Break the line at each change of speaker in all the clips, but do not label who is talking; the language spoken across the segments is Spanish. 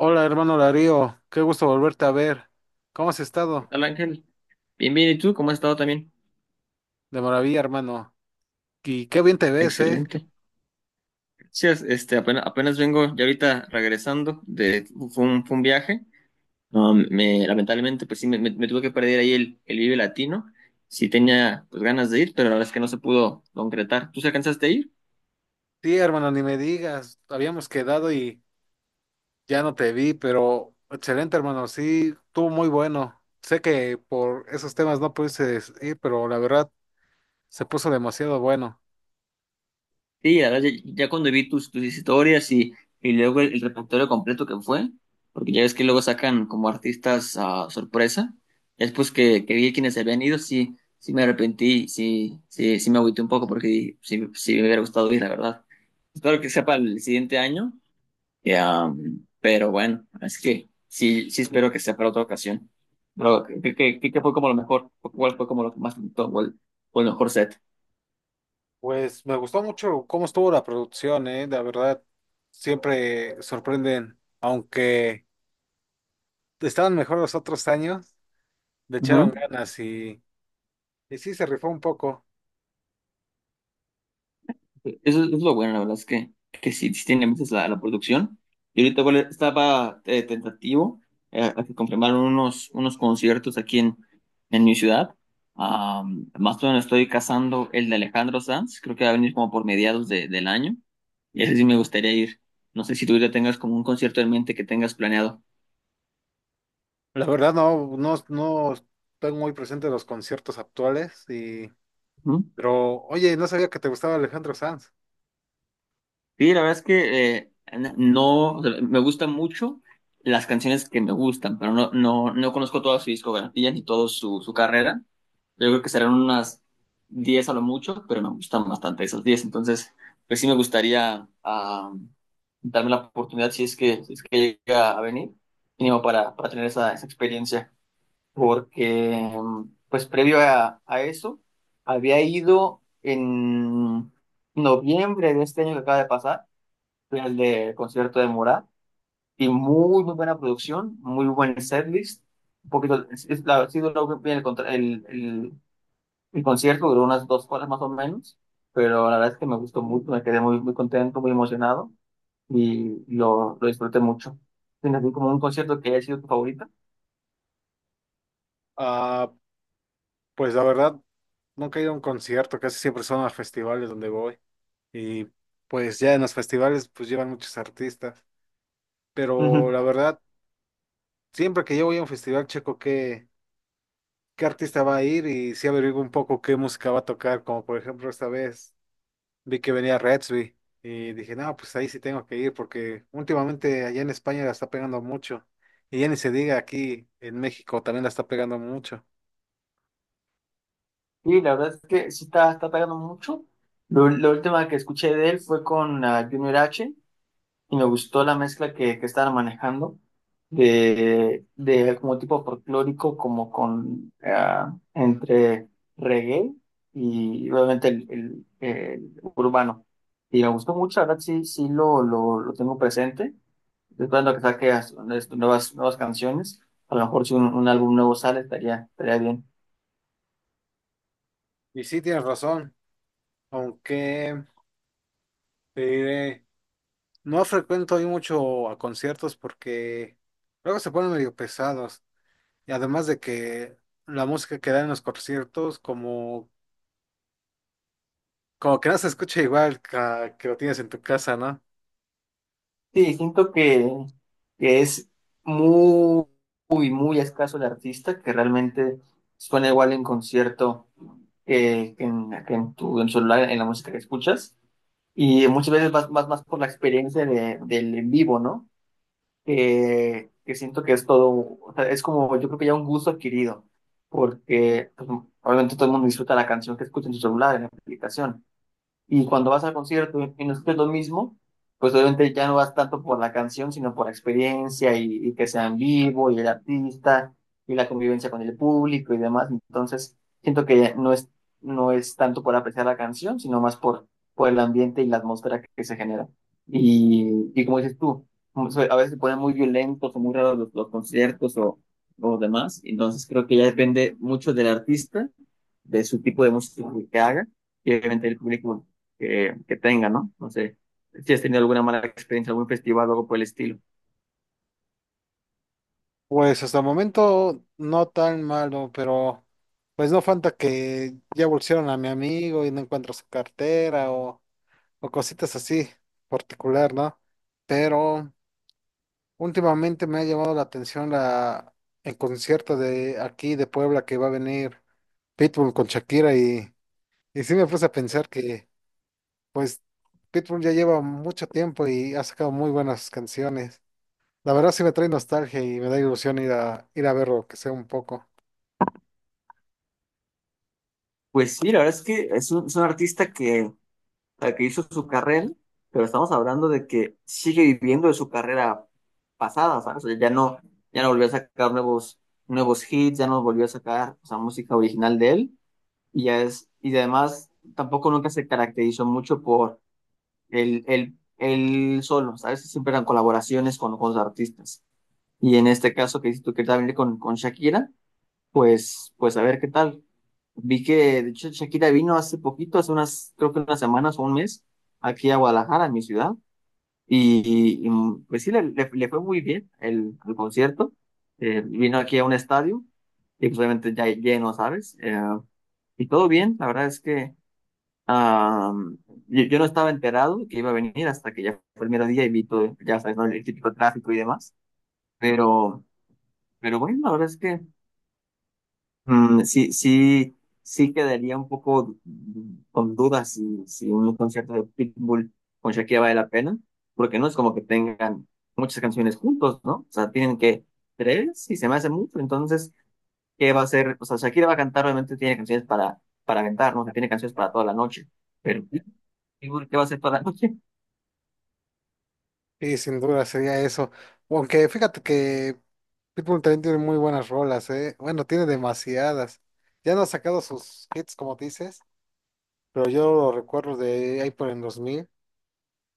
Hola, hermano Larío, qué gusto volverte a ver. ¿Cómo has estado?
Hola Ángel, bien, bien, ¿y tú? ¿Cómo has estado también?
De maravilla, hermano. Y qué bien te ves, ¿eh?
Excelente. Sí, este, apenas, apenas vengo ya ahorita regresando de, fue un viaje. No, lamentablemente, pues sí, me tuve que perder ahí el Vive Latino. Sí tenía, pues, ganas de ir, pero la verdad es que no se pudo concretar. ¿Tú se alcanzaste a ir?
Sí, hermano, ni me digas. Habíamos quedado y ya no te vi, pero excelente, hermano. Sí, estuvo muy bueno. Sé que por esos temas no pudiste ir, pero la verdad se puso demasiado bueno.
Sí, la verdad, ya cuando vi tus historias y, y luego el repertorio completo que fue, porque ya ves que luego sacan como artistas a sorpresa, ya después que vi quienes se habían ido, sí, sí me arrepentí, sí, sí, sí me agüité un poco porque sí, sí me hubiera gustado ir, la verdad. Espero que sea para el siguiente año, ya, pero bueno, es que sí, sí espero que sea para otra ocasión. Pero, ¿qué fue como lo mejor? ¿Cuál fue como lo que más te gustó? ¿O el mejor set?
Pues me gustó mucho cómo estuvo la producción, ¿eh? La verdad, siempre sorprenden, aunque estaban mejor los otros años, le echaron
Ujú.
ganas y... Y sí, se rifó un poco.
Eso es lo bueno, la verdad es que sí, sí tiene meses la producción. Y ahorita igual estaba tentativo a que confirmaron unos conciertos aquí en mi ciudad. Más o menos estoy cazando el de Alejandro Sanz, creo que va a venir como por mediados del año. Y ese sí me gustaría ir. No sé si tú ya tengas como un concierto en mente que tengas planeado.
La verdad no, no, no estoy muy presente en los conciertos actuales y, pero oye, no sabía que te gustaba Alejandro Sanz.
Sí, la verdad es que no, o sea, me gustan mucho las canciones que me gustan, pero no, no, no conozco toda su discografía ni toda su carrera. Yo creo que serán unas 10 a lo mucho, pero me gustan bastante esas 10. Entonces, pues sí me gustaría darme la oportunidad si es que llega a venir, mínimo para tener esa experiencia. Porque, pues previo a eso, había ido en noviembre de este año que acaba de pasar fui al de concierto de Morat y muy, muy buena producción, muy buen setlist. Un poquito, sí duró bien el, contra- el concierto, duró unas 2 horas más o menos, pero la verdad es que me gustó mucho, me quedé muy, muy contento, muy emocionado y lo disfruté mucho. ¿Tienes así como un concierto que haya sido tu favorita?
Ah, pues la verdad, nunca he ido a un concierto, casi siempre son a festivales donde voy. Y pues ya en los festivales pues llevan muchos artistas. Pero
Ujú.
la verdad, siempre que yo voy a un festival checo qué, qué artista va a ir y sí averiguo un poco qué música va a tocar, como por ejemplo esta vez. Vi que venía Redsby y dije, no, pues ahí sí tengo que ir porque últimamente allá en España la está pegando mucho. Y ya ni se diga aquí en México también la está pegando mucho.
Y la verdad es que sí está pegando mucho. La última que escuché de él fue con Junior H y me gustó la mezcla que estaban manejando de como tipo folclórico, como con entre reggae y obviamente el urbano. Y me gustó mucho, la verdad sí, sí lo tengo presente. Estoy esperando que saque nuevas canciones. A lo mejor si un álbum nuevo sale, estaría bien.
Y sí tienes razón, aunque te diré, no frecuento ahí mucho a conciertos porque luego se ponen medio pesados. Y además de que la música que dan en los conciertos como, como que no se escucha igual que, lo tienes en tu casa, ¿no?
Sí, siento que es muy, muy, muy escaso el artista que realmente suena igual en concierto que en tu en celular, en la música que escuchas. Y muchas veces vas, más más por la experiencia del en vivo, ¿no? Que siento que es todo, o sea, es como, yo creo que ya un gusto adquirido, porque pues, obviamente todo el mundo disfruta la canción que escucha en su celular, en la aplicación y cuando vas al concierto y no escuchas lo mismo, pues obviamente ya no vas tanto por la canción, sino por la experiencia y que sea en vivo y el artista y la convivencia con el público y demás. Entonces, siento que no es tanto por apreciar la canción, sino más por el ambiente y la atmósfera que se genera. Y como dices tú, como a veces se ponen muy violentos o muy raros los conciertos o demás. Entonces, creo que ya depende mucho del artista de su tipo de música que haga y obviamente el público que tenga, ¿no? No sé si has tenido alguna mala experiencia, algún festival o algo por el estilo.
Pues hasta el momento no tan malo, pero pues no falta que ya bolsearon a mi amigo y no encuentro su cartera o cositas así particular, ¿no? Pero últimamente me ha llamado la atención la, el concierto de aquí de Puebla que va a venir Pitbull con Shakira y sí me puse a pensar que pues Pitbull ya lleva mucho tiempo y ha sacado muy buenas canciones. La verdad sí me trae nostalgia y me da ilusión ir a, ir a verlo, que sea un poco.
Pues sí, la verdad es que es un artista que, o sea, que hizo su carrera, pero estamos hablando de que sigue viviendo de su carrera pasada, ¿sabes? O sea, ya no volvió a sacar nuevos hits, ya no volvió a sacar, o sea, música original de él, y ya es, y además tampoco nunca se caracterizó mucho por él solo, ¿sabes? Siempre eran colaboraciones con los artistas. Y en este caso que dices tú que también con Shakira, pues a ver qué tal. Vi que, de hecho, Shakira vino hace poquito, hace unas, creo que unas semanas o un mes, aquí a Guadalajara, en mi ciudad. Y, pues sí, le fue muy bien el concierto. Vino aquí a un estadio y pues obviamente ya lleno, ¿sabes? Y todo bien, la verdad es que Am, yo no estaba enterado que iba a venir hasta que ya fue el mero día y vi todo, ya sabes, ¿no? El típico tráfico y demás. Pero, pero bueno, la verdad es que sí, sí, sí quedaría un poco con dudas si un concierto de Pitbull con Shakira vale la pena, porque no es como que tengan muchas canciones juntos, ¿no? O sea, tienen que tres y se me hace mucho. Entonces, ¿qué va a hacer? O sea, Shakira va a cantar, obviamente tiene canciones para aventar, ¿no? Que tiene canciones para toda la noche. Pero Pitbull, ¿qué va a hacer toda la noche?
Sí, sin duda sería eso. Aunque fíjate que Pitbull también tiene muy buenas rolas, ¿eh? Bueno, tiene demasiadas. Ya no ha sacado sus hits, como dices, pero yo lo recuerdo de ahí por el 2000.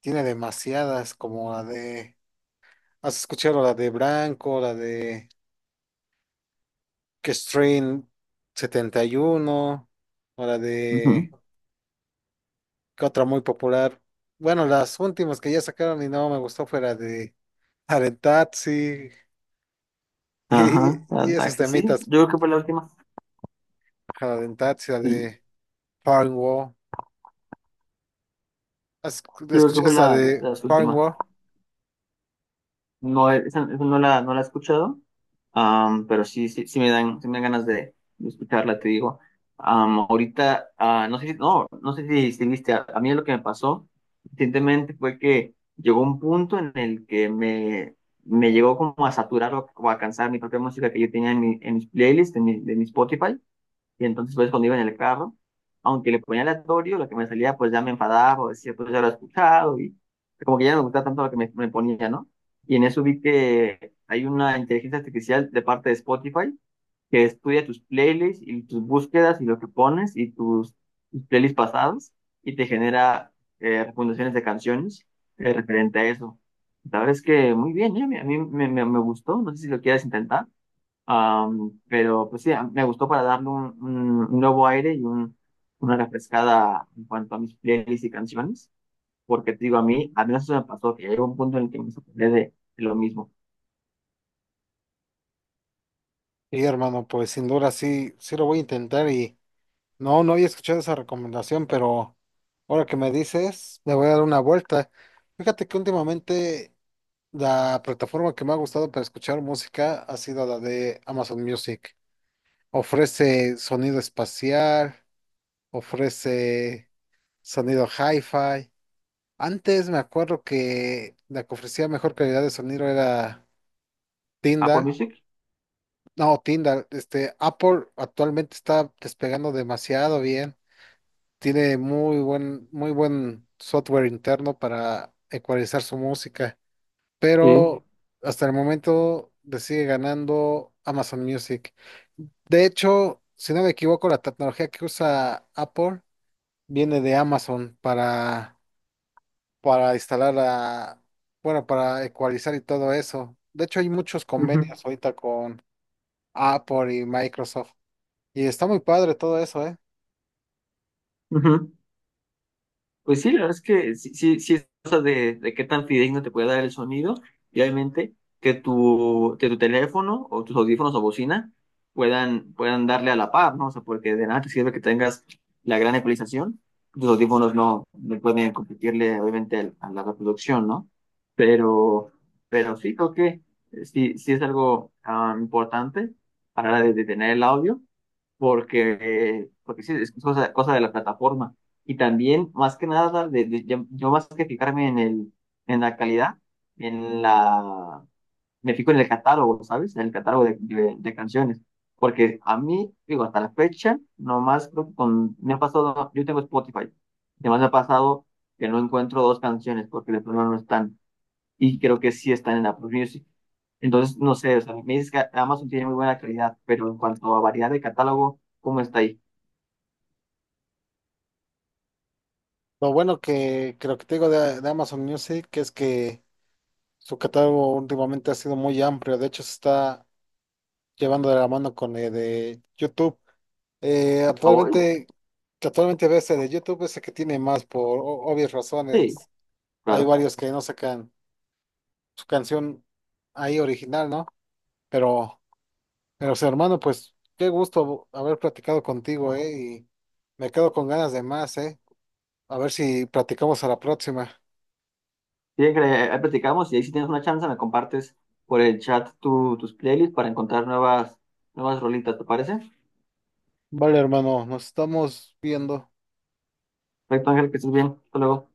Tiene demasiadas, como la de... ¿Has escuchado la de Branco, la de que Strain 71 o la
Ujú.
de...? ¿Qué otra muy popular? Bueno, las últimas que ya sacaron y no me gustó fue la de... La de
Ajá,
y
la
esos
taxi, sí.
temitas
Yo creo que fue la última.
Cadenazzi, la
Sí,
de Farnwall. ¿Has-
yo creo que
¿Escuché
fue
esa de
de las últimas.
Farnwall?
No, esa no la he escuchado, pero sí, sí, sí me dan ganas de escucharla, te digo. Ahorita, no sé si, no, no sé si viste, a mí lo que me pasó recientemente fue que llegó un punto en el que me llegó como a saturar o a cansar mi propia música que yo tenía en mis playlists, de mi Spotify. Y entonces pues cuando iba en el carro, aunque le ponía aleatorio, lo que me salía pues ya me enfadaba o decía pues ya lo he escuchado y como que ya no me gustaba tanto lo que me ponía, ¿no? Y en eso vi que hay una inteligencia artificial de parte de Spotify que estudia tus playlists y tus búsquedas y lo que pones y tus playlists pasados y te genera recomendaciones de canciones referente a eso. La verdad es que muy bien, ¿eh? A mí me gustó, no sé si lo quieres intentar. Pero pues sí, me gustó para darle un nuevo aire y una refrescada en cuanto a mis playlists y canciones, porque te digo, a mí eso me pasó, que llegó un punto en el que me sorprendí de lo mismo.
Y hermano, pues sin duda sí, sí lo voy a intentar y no, no había escuchado esa recomendación, pero ahora que me dices, le voy a dar una vuelta. Fíjate que últimamente la plataforma que me ha gustado para escuchar música ha sido la de Amazon Music. Ofrece sonido espacial, ofrece sonido hi-fi. Antes me acuerdo que la que ofrecía mejor calidad de sonido era
Apple
Tinder,
Music,
no, Tinder, este, Apple actualmente está despegando demasiado bien. Tiene muy buen software interno para ecualizar su música,
sí.
pero hasta el momento le sigue ganando Amazon Music. De hecho, si no me equivoco, la tecnología que usa Apple viene de Amazon para instalar la, bueno, para ecualizar y todo eso. De hecho, hay muchos
Ujú,
convenios ahorita con Apple y Microsoft. Y está muy padre todo eso, ¿eh?
ujú. Pues sí, la verdad es que sí, sí, sí es cosa de qué tan fidedigno te puede dar el sonido y obviamente que tu teléfono o tus audífonos o bocina puedan darle a la par, ¿no? O sea, porque de nada te sirve que tengas la gran ecualización, tus audífonos no, no pueden competirle obviamente a la reproducción, ¿no? Pero, pero sí creo que sí, sí es algo importante a la hora de tener el audio porque sí, es cosa de la plataforma. Y también, más que nada, yo más que fijarme en la calidad, en la, me fijo en el catálogo, ¿sabes? En el catálogo de canciones. Porque a mí, digo, hasta la fecha, nomás creo que me ha pasado, yo tengo Spotify, además me ha pasado que no encuentro dos canciones porque de plano no están y creo que sí están en Apple Music. Entonces, no sé, o sea, me dices que Amazon tiene muy buena calidad, pero en cuanto a variedad de catálogo, ¿cómo está ahí?
Lo bueno que creo que te digo de Amazon Music es que su catálogo últimamente ha sido muy amplio. De hecho, se está llevando de la mano con el de YouTube.
¿A hoy?
Actualmente, que actualmente ves el de YouTube es el que tiene más por obvias razones.
Sí,
Hay
claro.
varios que no sacan su canción ahí original, ¿no? Pero, pero, sí, hermano, pues qué gusto haber platicado contigo, ¿eh? Y me quedo con ganas de más, ¿eh? A ver si platicamos a la próxima.
Sí, que ahí platicamos y ahí si tienes una chance me compartes por el chat tus playlists para encontrar nuevas rolitas, ¿te parece?
Vale, hermano, nos estamos viendo.
Perfecto, Ángel, que estés bien. Hasta luego.